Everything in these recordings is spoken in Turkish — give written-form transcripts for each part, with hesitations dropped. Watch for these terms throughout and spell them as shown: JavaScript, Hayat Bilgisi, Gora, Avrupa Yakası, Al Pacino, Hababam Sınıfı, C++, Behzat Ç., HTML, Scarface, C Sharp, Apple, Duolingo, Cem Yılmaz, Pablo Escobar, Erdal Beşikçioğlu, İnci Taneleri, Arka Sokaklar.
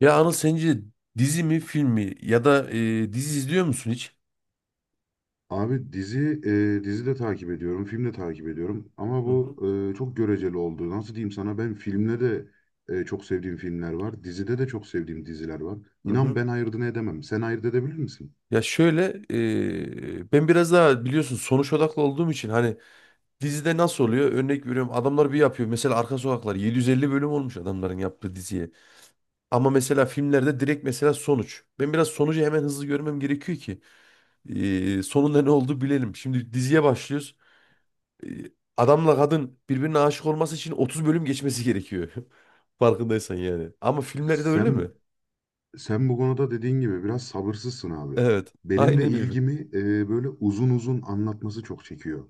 Ya Anıl sence dizi mi film mi ya da dizi izliyor musun hiç? Abi dizi dizi de takip ediyorum, film de takip ediyorum ama Hı bu hı. Çok göreceli oldu. Nasıl diyeyim sana ben filmde de çok sevdiğim filmler var, dizide de çok sevdiğim diziler var. Hı İnan hı. ben ayırdığını edemem. Sen ayırt edebilir misin? Ya şöyle, ben biraz daha biliyorsun sonuç odaklı olduğum için hani dizide nasıl oluyor? Örnek veriyorum adamlar bir yapıyor. Mesela Arka Sokaklar 750 bölüm olmuş adamların yaptığı diziye. Ama mesela filmlerde direkt mesela sonuç. Ben biraz sonucu hemen hızlı görmem gerekiyor ki sonunda ne oldu bilelim. Şimdi diziye başlıyoruz. e, Adamla kadın birbirine aşık olması için 30 bölüm geçmesi gerekiyor. Farkındaysan yani. Ama filmlerde öyle mi? Sen sen bu konuda dediğin gibi biraz sabırsızsın abi. Evet. Benim de Aynen öyle. ilgimi böyle uzun uzun anlatması çok çekiyor.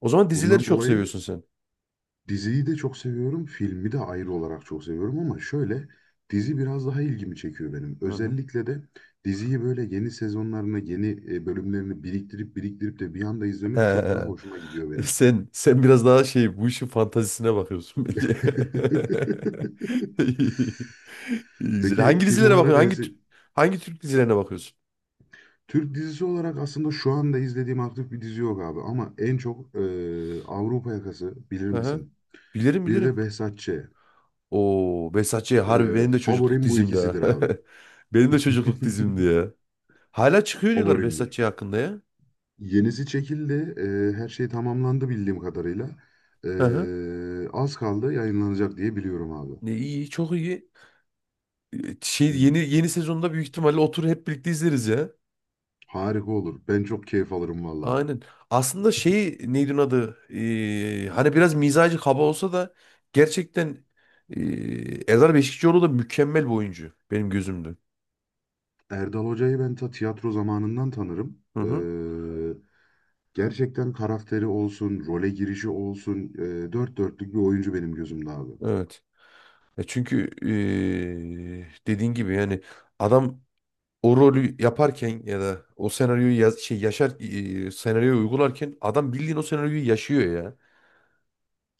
O zaman dizileri Bundan çok dolayı seviyorsun sen. diziyi de çok seviyorum, filmi de ayrı olarak çok seviyorum ama şöyle dizi biraz daha ilgimi çekiyor benim. Hı hı. Özellikle de diziyi böyle yeni sezonlarını, yeni bölümlerini biriktirip biriktirip de bir anda izlemek çok daha He, hoşuma gidiyor benim. sen biraz daha şey bu işin fantazisine bakıyorsun bence. İyi, güzel. Peki Hangi film dizilere bakıyorsun? olarak en Hangi se- tür- hangi Türk dizilerine bakıyorsun? Türk dizisi olarak aslında şu anda izlediğim aktif bir dizi yok abi ama en çok Avrupa Yakası bilir Hı hı. misin? Bilirim Bir de bilirim. Behzat Ç. Oo, Behzat Ç. harbi benim de çocukluk favorim bu dizimdi ha. ikisidir abi. Benim de çocukluk dizimdi ya. Hala çıkıyor diyorlar Favorimdir. Behzatçı hakkında ya. Yenisi çekildi. Her şey tamamlandı bildiğim kadarıyla. Hı hı. Az kaldı yayınlanacak diye biliyorum abi. Ne iyi, çok iyi. E, şey yeni Hmm, yeni sezonda büyük ihtimalle otur hep birlikte izleriz ya. harika olur. Ben çok keyif alırım valla. Aynen. Aslında şey neydi onun adı? Hani biraz mizacı kaba olsa da gerçekten Erdal Beşikçioğlu da mükemmel bir oyuncu benim gözümde. Erdal Hoca'yı ben ta tiyatro zamanından tanırım. Hı hı. Gerçekten karakteri olsun, role girişi olsun, dört dörtlük bir oyuncu benim gözümde abi. Evet. E çünkü dediğin gibi yani adam o rolü yaparken ya da o senaryoyu yaz, şey yaşar, senaryoyu uygularken adam bildiğin o senaryoyu yaşıyor ya.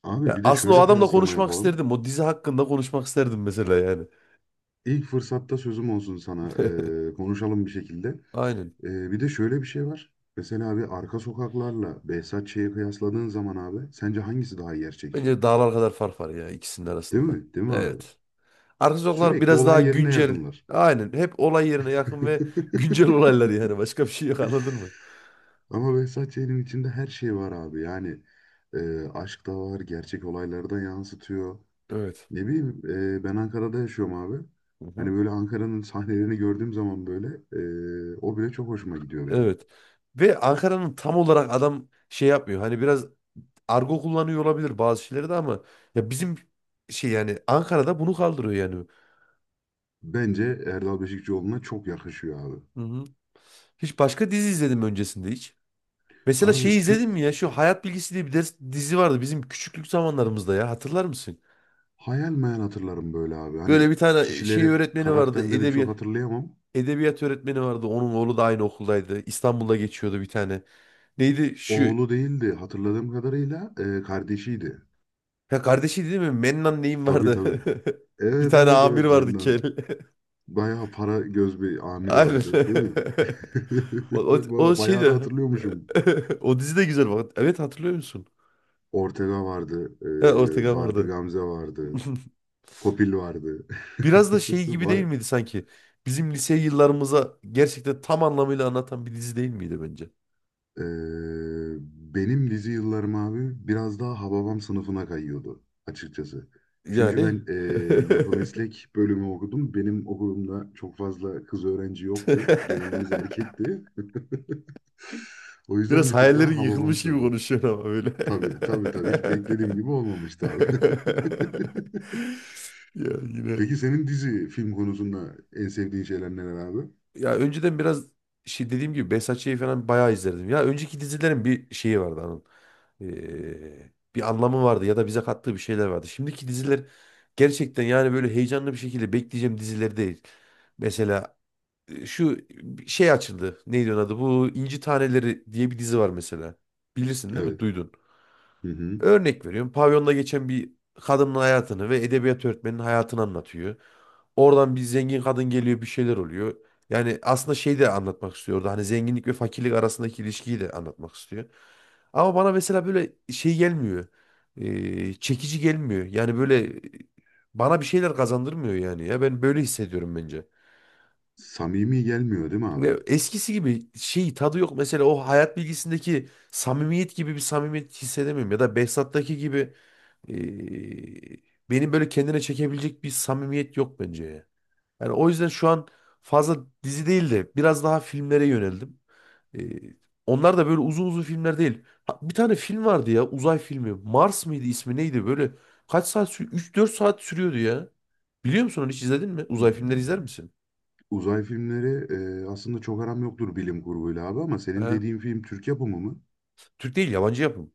Abi Ya bir de aslında o şöyle adamla kıyaslama konuşmak yapalım. isterdim. O dizi hakkında konuşmak isterdim mesela yani. İlk fırsatta sözüm olsun sana. Konuşalım bir şekilde. Aynen. Bir de şöyle bir şey var. Mesela abi arka sokaklarla Behzat Ç'yi kıyasladığın zaman abi sence hangisi daha gerçekçi? Bence dağlar kadar fark var ya ikisinin Değil arasında da. mi? Değil mi abi? Evet. Arka sokaklar Sürekli biraz olay daha yerine güncel. yakınlar. Aynen. Hep olay yerine yakın ve güncel olaylar yani. Başka bir şey yok anladın mı? Ama Behzat Ç'nin içinde her şey var abi. Yani aşk da var, gerçek olayları da yansıtıyor. Evet. Ne bileyim ben Ankara'da yaşıyorum abi. Hani Hı-hı. böyle Ankara'nın sahnelerini gördüğüm zaman böyle o bile çok hoşuma gidiyor benim. Evet. Ve Ankara'nın tam olarak adam şey yapmıyor. Hani biraz argo kullanıyor olabilir bazı şeyleri de ama ya bizim şey yani Ankara'da bunu kaldırıyor yani. Bence Erdal Beşikçioğlu'na çok yakışıyor abi. Hı-hı. Hiç başka dizi izledim öncesinde hiç. Mesela şeyi Abi izledin Türk mi ya? Şu Hayat Bilgisi diye bir ders, dizi vardı bizim küçüklük zamanlarımızda ya. Hatırlar mısın? hayal meyal hatırlarım böyle abi. Hani Böyle bir tane şey kişileri, öğretmeni vardı. karakterleri çok Edebiyat hatırlayamam. edebiyat öğretmeni vardı. Onun oğlu da aynı okuldaydı. İstanbul'da geçiyordu bir tane. Neydi şu? Oğlu değildi hatırladığım kadarıyla kardeşiydi. Ya kardeşi değil mi? Mennan neyim Tabii vardı? tabii. Bir Evet tane evet amir evet vardı kel. Mennan. Bayağı para göz bir amir Aynen. vardı değil mi? O Baya- şey bayağı da de hatırlıyormuşum. o dizi de güzel bak. Evet hatırlıyor musun? Ortega vardı. Ha, Ortega Barbie vardı. Gamze vardı. Kopil vardı. Biraz da şey gibi değil Ba- miydi sanki? Bizim lise yıllarımıza gerçekten tam anlamıyla anlatan bir dizi değil miydi bence? Ee, benim dizi yıllarım abi biraz daha Hababam sınıfına kayıyordu açıkçası. Çünkü Yani ben yapı meslek bölümü okudum. Benim okulumda çok fazla kız öğrenci yoktu. Genelimiz erkekti. O yüzden biraz bir tık daha hayallerin Hababam yıkılmış gibi sınıfı. konuşuyorsun ama öyle. Tabii tabii tabii hiç beklediğim gibi olmamıştı abi. Ya yine. Peki senin dizi film konusunda en sevdiğin şeyler neler abi? Ya önceden biraz şey dediğim gibi Behzatçı'yı falan bayağı izlerdim. Ya önceki dizilerin bir şeyi vardı onun. Bir anlamı vardı ya da bize kattığı bir şeyler vardı. Şimdiki diziler gerçekten yani böyle heyecanlı bir şekilde bekleyeceğim diziler değil. Mesela şu şey açıldı. Neydi onun adı? Bu İnci Taneleri diye bir dizi var mesela. Bilirsin değil mi? Evet. Duydun. Hı hı. Örnek veriyorum. Pavyonda geçen bir kadının hayatını ve edebiyat öğretmeninin hayatını anlatıyor. Oradan bir zengin kadın geliyor bir şeyler oluyor. Yani aslında şey de anlatmak istiyor orada. Hani zenginlik ve fakirlik arasındaki ilişkiyi de anlatmak istiyor. Ama bana mesela böyle şey gelmiyor. Çekici gelmiyor. Yani böyle, bana bir şeyler kazandırmıyor yani ya. Ben böyle hissediyorum bence. Samimi gelmiyor değil mi abi? Ve eskisi gibi şey tadı yok. Mesela o hayat bilgisindeki samimiyet gibi bir samimiyet hissedemiyorum. Ya da Behzat'taki gibi, ee, benim böyle kendine çekebilecek bir samimiyet yok bence ya. Yani o yüzden şu an fazla dizi değil de biraz daha filmlere yöneldim. Ee, Onlar da böyle uzun uzun filmler değil. Ha, bir tane film vardı ya uzay filmi. Mars mıydı ismi neydi böyle kaç saat sürüyor? 3-4 saat sürüyordu ya. Biliyor musun onu hiç izledin mi? Uzay filmleri izler misin? Uzay filmleri aslında çok aram yoktur bilim kurguyla abi ama senin Ha? dediğin film Türk yapımı mı? Türk değil yabancı yapım.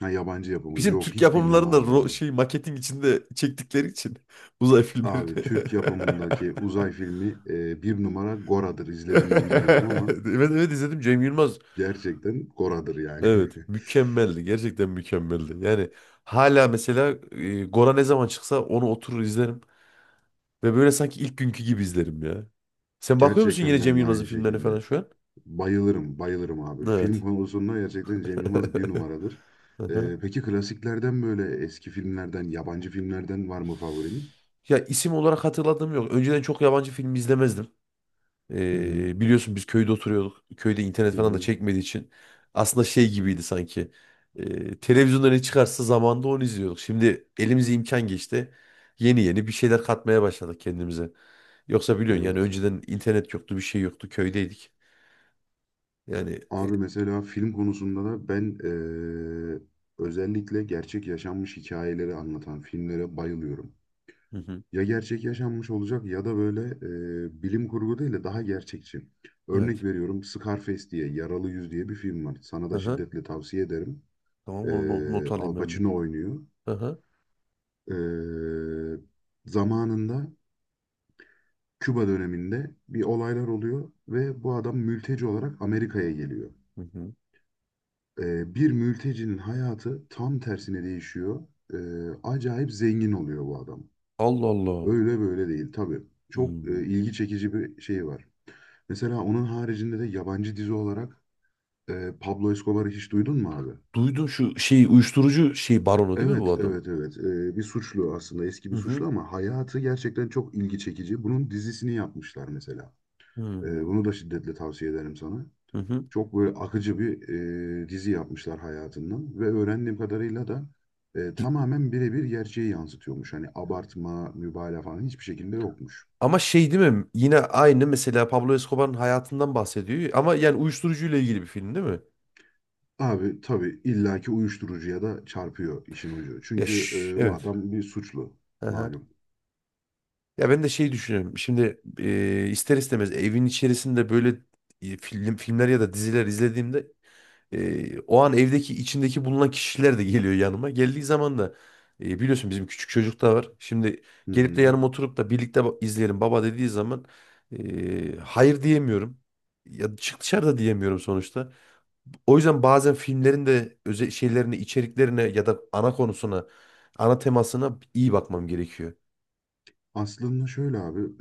Ha yabancı yapımı. Bizim Yok Türk hiç bilmem yapımlarında abi o ro- zaman. şey maketin içinde çektikleri için uzay filmleri. Abi Türk yapımındaki uzay filmi bir numara Gora'dır. İzledim mi bilmiyorum ama Evet evet izledim Cem Yılmaz. gerçekten Gora'dır yani. Evet mükemmeldi gerçekten mükemmeldi. Yani hala mesela Gora ne zaman çıksa onu oturur izlerim. Ve böyle sanki ilk günkü gibi izlerim ya. Sen bakıyor musun yine Gerçekten Cem ben de Yılmaz'ın aynı filmlerine falan şekilde. şu an? Bayılırım, bayılırım abi. Film Evet. konusunda gerçekten Cem Yılmaz bir numaradır. Hı E, hı. peki klasiklerden böyle eski filmlerden, yabancı filmlerden var mı favorin? Ya isim olarak hatırladığım yok. Önceden çok yabancı film izlemezdim. Hı hı, Biliyorsun biz köyde oturuyorduk. Köyde internet hı falan da hı, çekmediği için aslında şey gibiydi sanki. Televizyonda ne çıkarsa zamanda onu izliyorduk. Şimdi elimize imkan geçti. Yeni yeni bir şeyler katmaya başladık kendimize. Yoksa biliyorsun yani evet. önceden internet yoktu, bir şey yoktu. Köydeydik. Yani Abi mesela film konusunda da ben özellikle gerçek yaşanmış hikayeleri anlatan filmlere bayılıyorum. hı hı, Ya gerçek yaşanmış olacak ya da böyle bilim kurgu değil de daha gerçekçi. Örnek evet. veriyorum Scarface diye, Yaralı Yüz diye bir film var. Sana Hı da hı. şiddetle tavsiye ederim. Tamam onu no- not alayım Al ben bir. Pacino oynuyor. Hı hı. Eee, Zamanında Küba döneminde bir olaylar oluyor ve bu adam mülteci olarak Amerika'ya geliyor. Hı hı. Bir mültecinin hayatı tam tersine değişiyor. Ee, Acayip zengin oluyor bu adam. Allah Allah. Öyle böyle değil tabii. Çok Hmm. ilgi çekici bir şey var. Mesela onun haricinde de yabancı dizi olarak Pablo Escobar'ı hiç duydun mu abi? Duydum şu şey uyuşturucu şey baronu değil mi Evet, bu adam? evet, evet. Bir suçlu aslında eski Hı bir suçlu hı. ama hayatı gerçekten çok ilgi çekici. Bunun dizisini yapmışlar mesela. Hmm. Bunu da şiddetle tavsiye ederim sana. Hı hı. Çok böyle akıcı bir dizi yapmışlar hayatından ve öğrendiğim kadarıyla da tamamen birebir gerçeği yansıtıyormuş. Hani abartma, mübalağa falan hiçbir şekilde yokmuş. Ama şey değil mi? Yine aynı mesela Pablo Escobar'ın hayatından bahsediyor. Ama yani uyuşturucuyla ilgili bir film değil mi? Abi tabii illaki uyuşturucuya da çarpıyor işin ucu. Ya Çünkü şş, bu evet. adam bir suçlu Aha. malum. Ya ben de şey düşünüyorum. Şimdi ister istemez evin içerisinde böyle, film, filmler ya da diziler izlediğimde o an evdeki içindeki bulunan kişiler de geliyor yanıma. Geldiği zaman da biliyorsun bizim küçük çocuk da var. Şimdi Hı gelip de hı. yanıma oturup da birlikte ba- izleyelim baba dediği zaman hayır diyemiyorum. Ya çık dışarıda diyemiyorum sonuçta. O yüzden bazen filmlerin de özel şeylerine, içeriklerine ya da ana konusuna, ana temasına iyi bakmam gerekiyor. Aslında şöyle abi,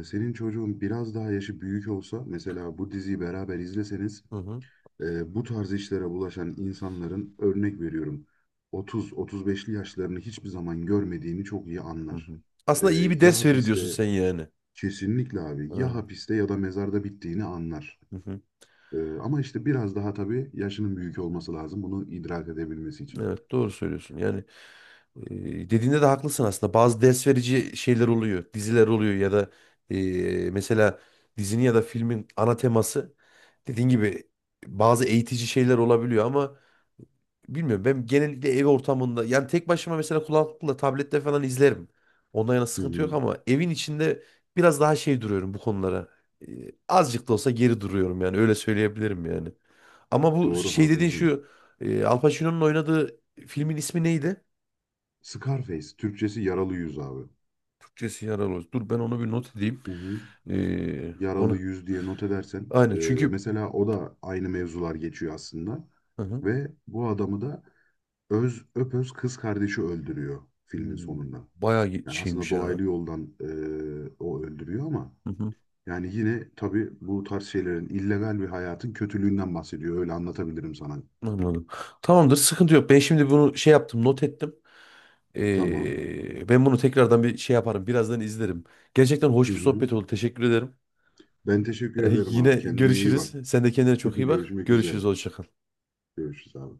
senin çocuğun biraz daha yaşı büyük olsa mesela bu diziyi beraber izleseniz Hı hı. Bu tarz işlere bulaşan insanların örnek veriyorum 30-35'li yaşlarını hiçbir zaman görmediğini çok iyi Hı anlar. hı. E, Aslında iyi bir ya ders verir diyorsun hapiste sen yani. kesinlikle abi ya Hı hapiste ya da mezarda bittiğini anlar. hı. Hı. E, ama işte biraz daha tabii yaşının büyük olması lazım bunu idrak edebilmesi için. Evet doğru söylüyorsun. Yani, dediğinde de haklısın aslında. Bazı ders verici şeyler oluyor, diziler oluyor ya da mesela dizinin ya da filmin ana teması dediğin gibi bazı eğitici şeyler olabiliyor ama bilmiyorum ben genellikle ev ortamında yani tek başıma mesela kulaklıkla tablette falan izlerim. Ondan yana Hı sıkıntı yok hı. ama evin içinde biraz daha şey duruyorum bu konulara. Azıcık da olsa geri duruyorum yani öyle söyleyebilirim yani. Ama bu Doğru şey dediğin haklısın. şu Al Pacino'nun oynadığı filmin ismi neydi? Scarface Türkçesi yaralı yüz abi. Türkçesi yaralı. Dur ben onu bir not edeyim. Hı hı. Yaralı Onu yüz diye not edersen aynen çünkü mesela o da aynı mevzular geçiyor aslında. hı hı. Ve bu adamı da öz öpöz kız kardeşi öldürüyor filmin Hmm, sonunda. bayağı Yani aslında şeymiş ya. dolaylı yoldan o öldürüyor ama Hı hı, yani yine tabii bu tarz şeylerin illegal bir hayatın kötülüğünden bahsediyor. Öyle anlatabilirim sana. anladım. Tamamdır sıkıntı yok. Ben şimdi bunu şey yaptım not ettim. Tamam. Ben bunu tekrardan bir şey yaparım. Birazdan izlerim. Gerçekten Hı hoş bir hı. sohbet oldu. Teşekkür ederim. Ben teşekkür ederim Yine abi. Kendine iyi bak. görüşürüz. Sen de kendine çok iyi bak. Görüşmek üzere. Görüşürüz. Hoşça kal. Görüşürüz abi.